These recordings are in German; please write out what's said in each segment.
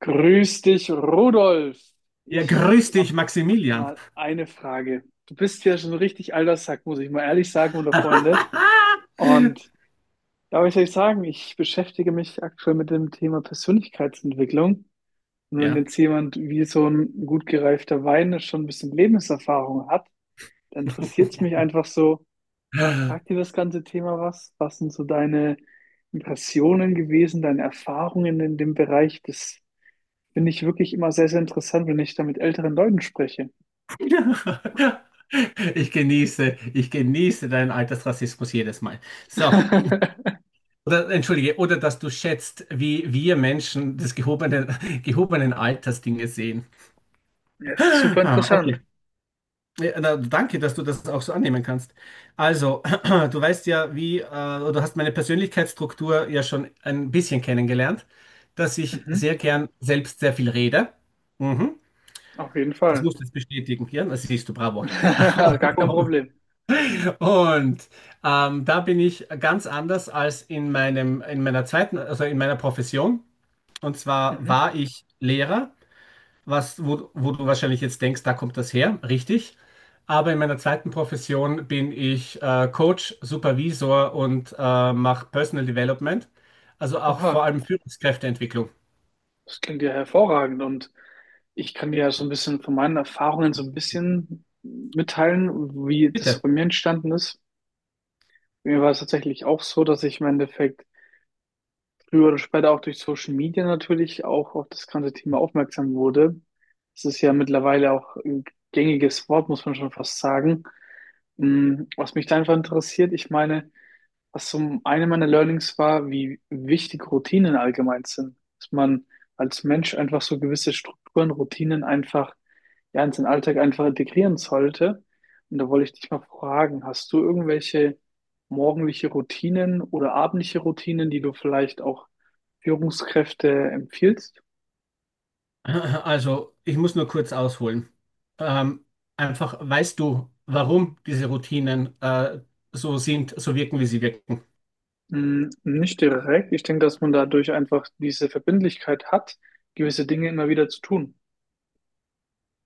Grüß dich, Rudolf. Ja, Ich grüß habe dich, Maximilian. mal eine Frage. Du bist ja schon richtig alter Sack, muss ich mal ehrlich sagen, unter Freunde. Und da will ich euch sagen, ich beschäftige mich aktuell mit dem Thema Persönlichkeitsentwicklung. Und wenn Ja. jetzt jemand wie so ein gut gereifter Wein schon ein bisschen Lebenserfahrung hat, dann interessiert es mich einfach so, sagt dir das ganze Thema was? Was sind so deine Impressionen gewesen, deine Erfahrungen in dem Bereich des. Finde ich wirklich immer sehr, sehr interessant, wenn ich da mit älteren Leuten spreche. Ich genieße deinen Altersrassismus jedes Mal. So, oder, entschuldige, oder dass du schätzt, wie wir Menschen das gehobenen Alters Dinge sehen. Ja, ist super Ah, interessant. okay. Ja, na, danke, dass du das auch so annehmen kannst. Also, du weißt ja, wie, oder du hast meine Persönlichkeitsstruktur ja schon ein bisschen kennengelernt, dass ich Mhm. sehr gern selbst sehr viel rede. Mhm. Auf jeden Das Fall. musst du jetzt bestätigen, ja, das siehst du, bravo. Gar kein Problem. Und da bin ich ganz anders als in meiner zweiten, also in meiner Profession. Und zwar Mhm. war ich Lehrer, was, wo du wahrscheinlich jetzt denkst, da kommt das her, richtig. Aber in meiner zweiten Profession bin ich Coach, Supervisor und mache Personal Development, also auch vor Oha, allem Führungskräfteentwicklung. das klingt ja hervorragend und ich kann dir ja so ein bisschen von meinen Erfahrungen so ein bisschen mitteilen, wie das Bitte. bei mir entstanden ist. Mir war es tatsächlich auch so, dass ich im Endeffekt früher oder später auch durch Social Media natürlich auch auf das ganze Thema aufmerksam wurde. Es ist ja mittlerweile auch ein gängiges Wort, muss man schon fast sagen. Was mich da einfach interessiert, ich meine, was zum einen meiner Learnings war, wie wichtig Routinen allgemein sind. Dass man als Mensch einfach so gewisse Strukturen, Routinen einfach ja, in seinen Alltag einfach integrieren sollte. Und da wollte ich dich mal fragen, hast du irgendwelche morgendliche Routinen oder abendliche Routinen, die du vielleicht auch Führungskräfte empfiehlst? Also, ich muss nur kurz ausholen. Ähm, Einfach, weißt du, warum diese Routinen so sind, so wirken, wie sie wirken? Nicht direkt. Ich denke, dass man dadurch einfach diese Verbindlichkeit hat, gewisse Dinge immer wieder zu tun.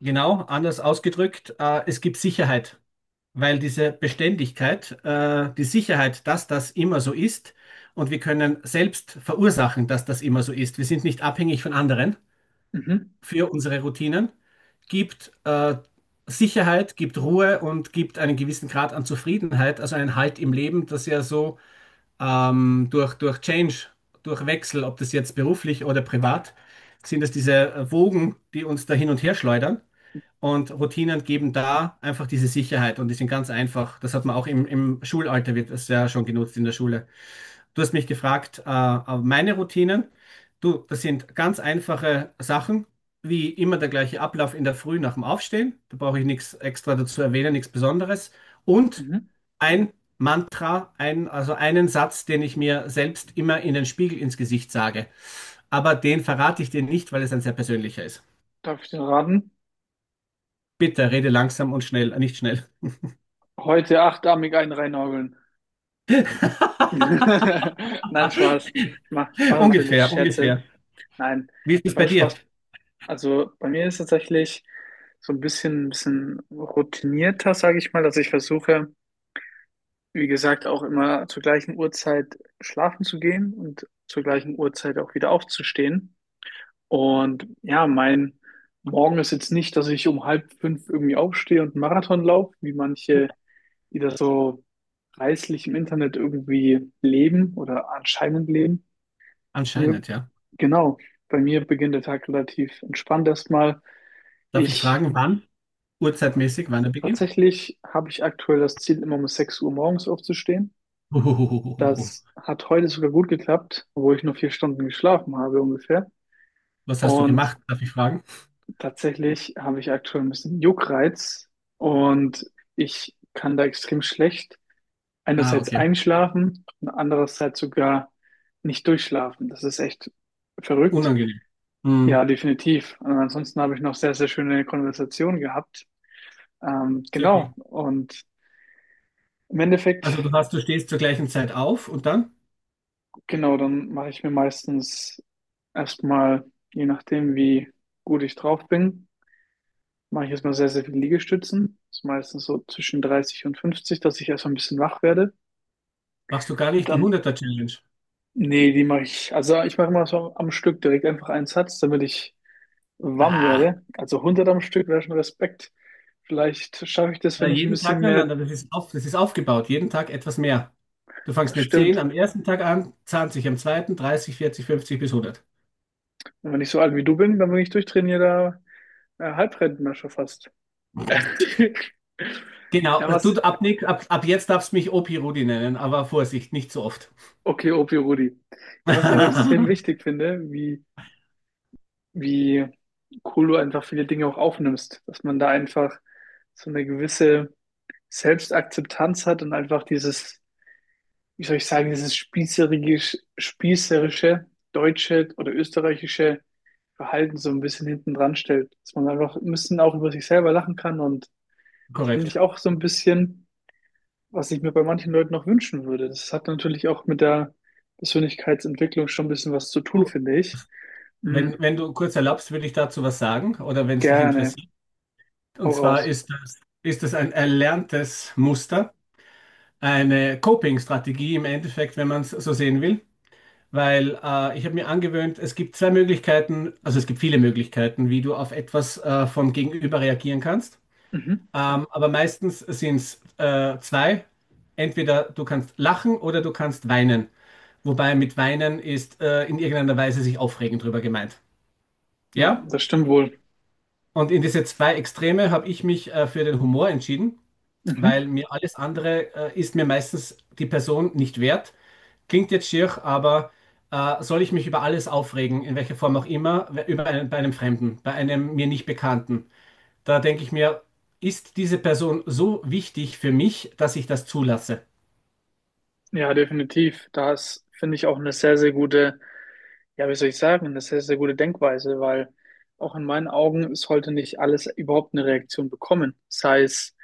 Genau, anders ausgedrückt, es gibt Sicherheit. Weil diese Beständigkeit, die Sicherheit, dass das immer so ist und wir können selbst verursachen, dass das immer so ist. Wir sind nicht abhängig von anderen Mhm. für unsere Routinen, gibt Sicherheit, gibt Ruhe und gibt einen gewissen Grad an Zufriedenheit, also einen Halt im Leben, das ja so durch Change, durch Wechsel, ob das jetzt beruflich oder privat, sind es diese Wogen, die uns da hin und her schleudern. Und Routinen geben da einfach diese Sicherheit und die sind ganz einfach. Das hat man auch im Schulalter, wird das ja schon genutzt in der Schule. Du hast mich gefragt, meine Routinen. Du, das sind ganz einfache Sachen, wie immer der gleiche Ablauf in der Früh nach dem Aufstehen. Da brauche ich nichts extra dazu erwähnen, nichts Besonderes. Und Mhm. ein Mantra, ein, also einen Satz, den ich mir selbst immer in den Spiegel ins Gesicht sage. Aber den verrate ich dir nicht, weil es ein sehr persönlicher ist. Darf ich dir raten? Bitte rede langsam und schnell, nicht schnell. Heute achtarmig einen reinhageln. Nein, Spaß. Ich mach natürlich Ungefähr, Scherze. ungefähr. Nein, Wie ist es bei Spaß, dir? Spaß. Also bei mir ist tatsächlich so ein bisschen routinierter, sage ich mal, dass ich versuche, wie gesagt, auch immer zur gleichen Uhrzeit schlafen zu gehen und zur gleichen Uhrzeit auch wieder aufzustehen. Und ja, mein Morgen ist jetzt nicht, dass ich um halb fünf irgendwie aufstehe und einen Marathon laufe, wie manche, die das so preislich im Internet irgendwie leben oder anscheinend leben. Ja, Anscheinend, ja. genau, bei mir beginnt der Tag relativ entspannt erstmal. Darf ich Ich fragen, wann? Uhrzeitmäßig, wann er beginnt? Tatsächlich habe ich aktuell das Ziel, immer um 6 Uhr morgens aufzustehen. Huhuhuhuhuhu. Das hat heute sogar gut geklappt, obwohl ich nur 4 Stunden geschlafen habe ungefähr. Was hast du Und gemacht? Darf ich fragen? tatsächlich habe ich aktuell ein bisschen Juckreiz und ich kann da extrem schlecht Ah, einerseits okay. einschlafen und andererseits sogar nicht durchschlafen. Das ist echt verrückt. Unangenehm. Hm, Ja, definitiv. Und ansonsten habe ich noch sehr, sehr schöne Konversationen gehabt. Sehr Genau. cool. Und im Endeffekt, Also du hast, du stehst zur gleichen Zeit auf und dann genau, dann mache ich mir meistens erstmal, je nachdem, wie gut ich drauf bin, mache ich erstmal sehr, sehr viele Liegestützen. Das ist meistens so zwischen 30 und 50, dass ich erstmal ein bisschen wach werde. machst du gar nicht die Dann, hunderter challenge? nee, die mache ich, also ich mache immer so am Stück direkt einfach einen Satz, damit ich warm Ah, wäre. Also 100 am Stück wäre schon Respekt. Vielleicht schaffe ich das, na, wenn ich ein jeden Tag, bisschen nein, mehr. nein, das ist auf, das ist aufgebaut. Jeden Tag etwas mehr. Du fangst Das mit 10 stimmt. am ersten Tag an, 20 am zweiten, 30 40 50 bis hundert. Und wenn ich so alt wie du bin, dann bin ich durchtrainierter Halbrentner schon fast. Genau, Ja, du, was? ab, Nick- ab, ab jetzt darfst du mich Opi Rudi nennen, aber Vorsicht, nicht so oft. Okay, Opi Rudi. Ja, was ich aber extrem wichtig finde, wie cool du einfach viele Dinge auch aufnimmst, dass man da einfach so eine gewisse Selbstakzeptanz hat und einfach dieses, wie soll ich sagen, dieses spießerische deutsche oder österreichische Verhalten so ein bisschen hinten dran stellt, dass man einfach ein bisschen auch über sich selber lachen kann und das finde Korrekt. ich auch so ein bisschen, was ich mir bei manchen Leuten noch wünschen würde. Das hat natürlich auch mit der Persönlichkeitsentwicklung schon ein bisschen was zu tun, Du, finde ich. Mhm. wenn, wenn du kurz erlaubst, würde ich dazu was sagen, oder wenn es dich Gerne. interessiert. Und Hau zwar raus. ist das ein erlerntes Muster, eine Coping-Strategie im Endeffekt, wenn man es so sehen will. Weil ich habe mir angewöhnt, es gibt zwei Möglichkeiten, also es gibt viele Möglichkeiten, wie du auf etwas vom Gegenüber reagieren kannst. Mhm. Aber meistens sind es zwei. Entweder du kannst lachen oder du kannst weinen. Wobei mit weinen ist in irgendeiner Weise sich aufregen drüber gemeint. Ja, Ja? das stimmt wohl. Und in diese zwei Extreme habe ich mich für den Humor entschieden, Mhm. weil mir alles andere ist mir meistens die Person nicht wert. Klingt jetzt schier, aber soll ich mich über alles aufregen, in welcher Form auch immer, über einen, bei einem Fremden, bei einem mir nicht Bekannten? Da denke ich mir, ist diese Person so wichtig für mich, dass ich das zulasse? Ja, definitiv. Da ist, finde ich, auch eine sehr, sehr gute. Ja, wie soll ich sagen? Das ist eine sehr gute Denkweise, weil auch in meinen Augen sollte nicht alles überhaupt eine Reaktion bekommen, sei es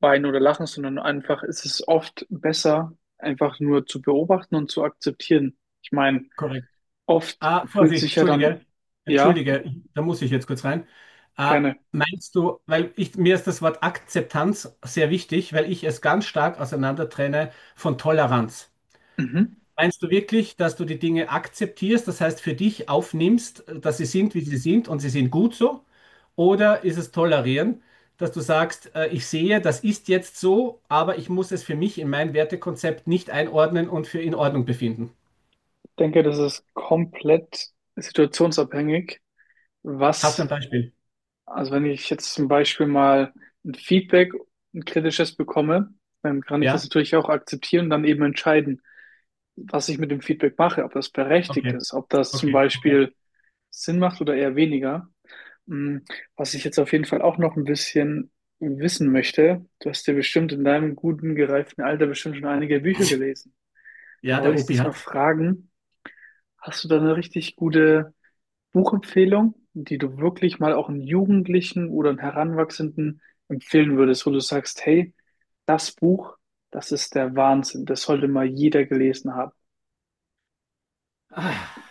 weinen oder lachen, sondern einfach ist es oft besser, einfach nur zu beobachten und zu akzeptieren. Ich meine, Korrekt. oft Ah, fühlt Vorsicht, sich ja dann. entschuldige, Ja, entschuldige, da muss ich jetzt kurz rein. Ah, gerne. meinst du, weil ich, mir ist das Wort Akzeptanz sehr wichtig, weil ich es ganz stark auseinander trenne von Toleranz. Mhm. Meinst du wirklich, dass du die Dinge akzeptierst, das heißt für dich aufnimmst, dass sie sind, wie sie sind und sie sind gut so? Oder ist es tolerieren, dass du sagst, ich sehe, das ist jetzt so, aber ich muss es für mich in mein Wertekonzept nicht einordnen und für in Ordnung befinden? Ich denke, das ist komplett situationsabhängig, Hast du was. ein Beispiel? Also wenn ich jetzt zum Beispiel mal ein Feedback, ein kritisches bekomme, dann kann ich das Ja? natürlich auch akzeptieren und dann eben entscheiden, was ich mit dem Feedback mache, ob das berechtigt Okay, ist, ob das zum okay, okay. Beispiel Sinn macht oder eher weniger. Mm, Was ich jetzt auf jeden Fall auch noch ein bisschen wissen möchte, du hast ja bestimmt in deinem guten, gereiften Alter bestimmt schon einige Bücher gelesen. Da Ja, wollte der ich Opi dich mal hat. fragen, hast du da eine richtig gute Buchempfehlung, die du wirklich mal auch einem Jugendlichen oder einem Heranwachsenden empfehlen würdest, wo du sagst, hey, das Buch, das ist der Wahnsinn, das sollte mal jeder gelesen haben. Ah.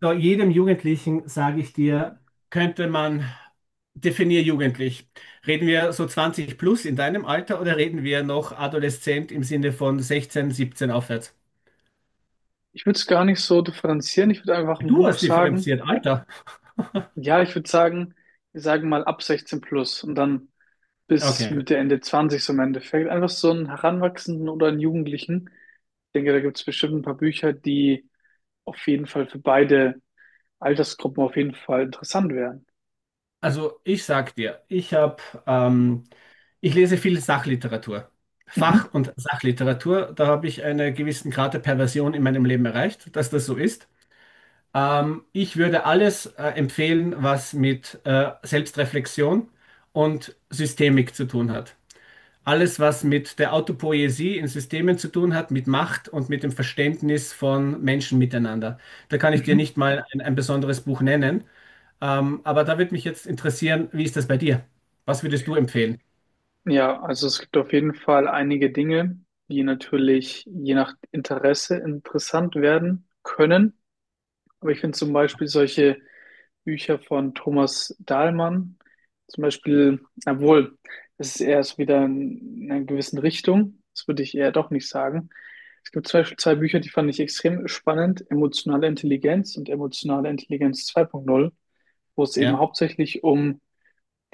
So, jedem Jugendlichen sage ich dir, könnte man, definier jugendlich. Reden wir so 20 plus in deinem Alter oder reden wir noch adoleszent im Sinne von 16, 17 aufwärts? Ich würde es gar nicht so differenzieren, ich würde einfach ein Du Buch hast sagen. differenziert, Alter. Ja, ich würde sagen, wir sagen mal ab 16 plus und dann bis Okay. Mitte, Ende 20 so im Endeffekt. Einfach so einen Heranwachsenden oder einen Jugendlichen. Ich denke, da gibt es bestimmt ein paar Bücher, die auf jeden Fall für beide Altersgruppen auf jeden Fall interessant wären. Also ich sag dir, ich habe, ähm, ich lese viel Sachliteratur. Mhm. Fach- und Sachliteratur, da habe ich einen gewissen Grad der Perversion in meinem Leben erreicht, dass das so ist. Ich würde alles empfehlen, was mit Selbstreflexion und Systemik zu tun hat. Alles, was mit der Autopoiesie in Systemen zu tun hat, mit Macht und mit dem Verständnis von Menschen miteinander. Da kann ich dir Mhm. nicht mal ein besonderes Buch nennen. Aber da würde mich jetzt interessieren, wie ist das bei dir? Was würdest du empfehlen? Ja, also es gibt auf jeden Fall einige Dinge, die natürlich je nach Interesse interessant werden können. Aber ich finde zum Beispiel solche Bücher von Thomas Dahlmann, zum Beispiel, obwohl, das ist erst wieder in einer gewissen Richtung, das würde ich eher doch nicht sagen. Es gibt zum Beispiel zwei Bücher, die fand ich extrem spannend, Emotionale Intelligenz und Emotionale Intelligenz 2.0, wo es eben Ja, hauptsächlich um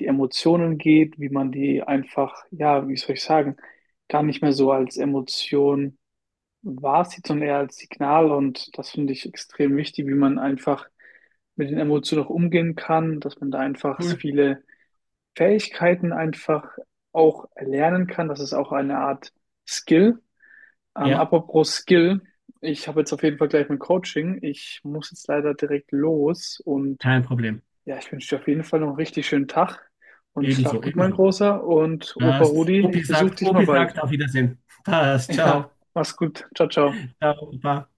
die Emotionen geht, wie man die einfach, ja, wie soll ich sagen, gar nicht mehr so als Emotion wahrzieht, sondern eher als Signal. Und das finde ich extrem wichtig, wie man einfach mit den Emotionen auch umgehen kann, dass man da einfach cool. viele Fähigkeiten einfach auch erlernen kann. Das ist auch eine Art Skill. Ja, Apropos Skill, ich habe jetzt auf jeden Fall gleich mein Coaching. Ich muss jetzt leider direkt los und kein Problem. ja, ich wünsche dir auf jeden Fall noch einen richtig schönen Tag und schlaf Ebenso, gut, mein ebenso. Großer. Und Opa Passt. Rudi, ich besuche dich mal Opi bald. sagt auf Wiedersehen. Passt. Ja, Ciao. mach's gut. Ciao, ciao. Ciao, Opa.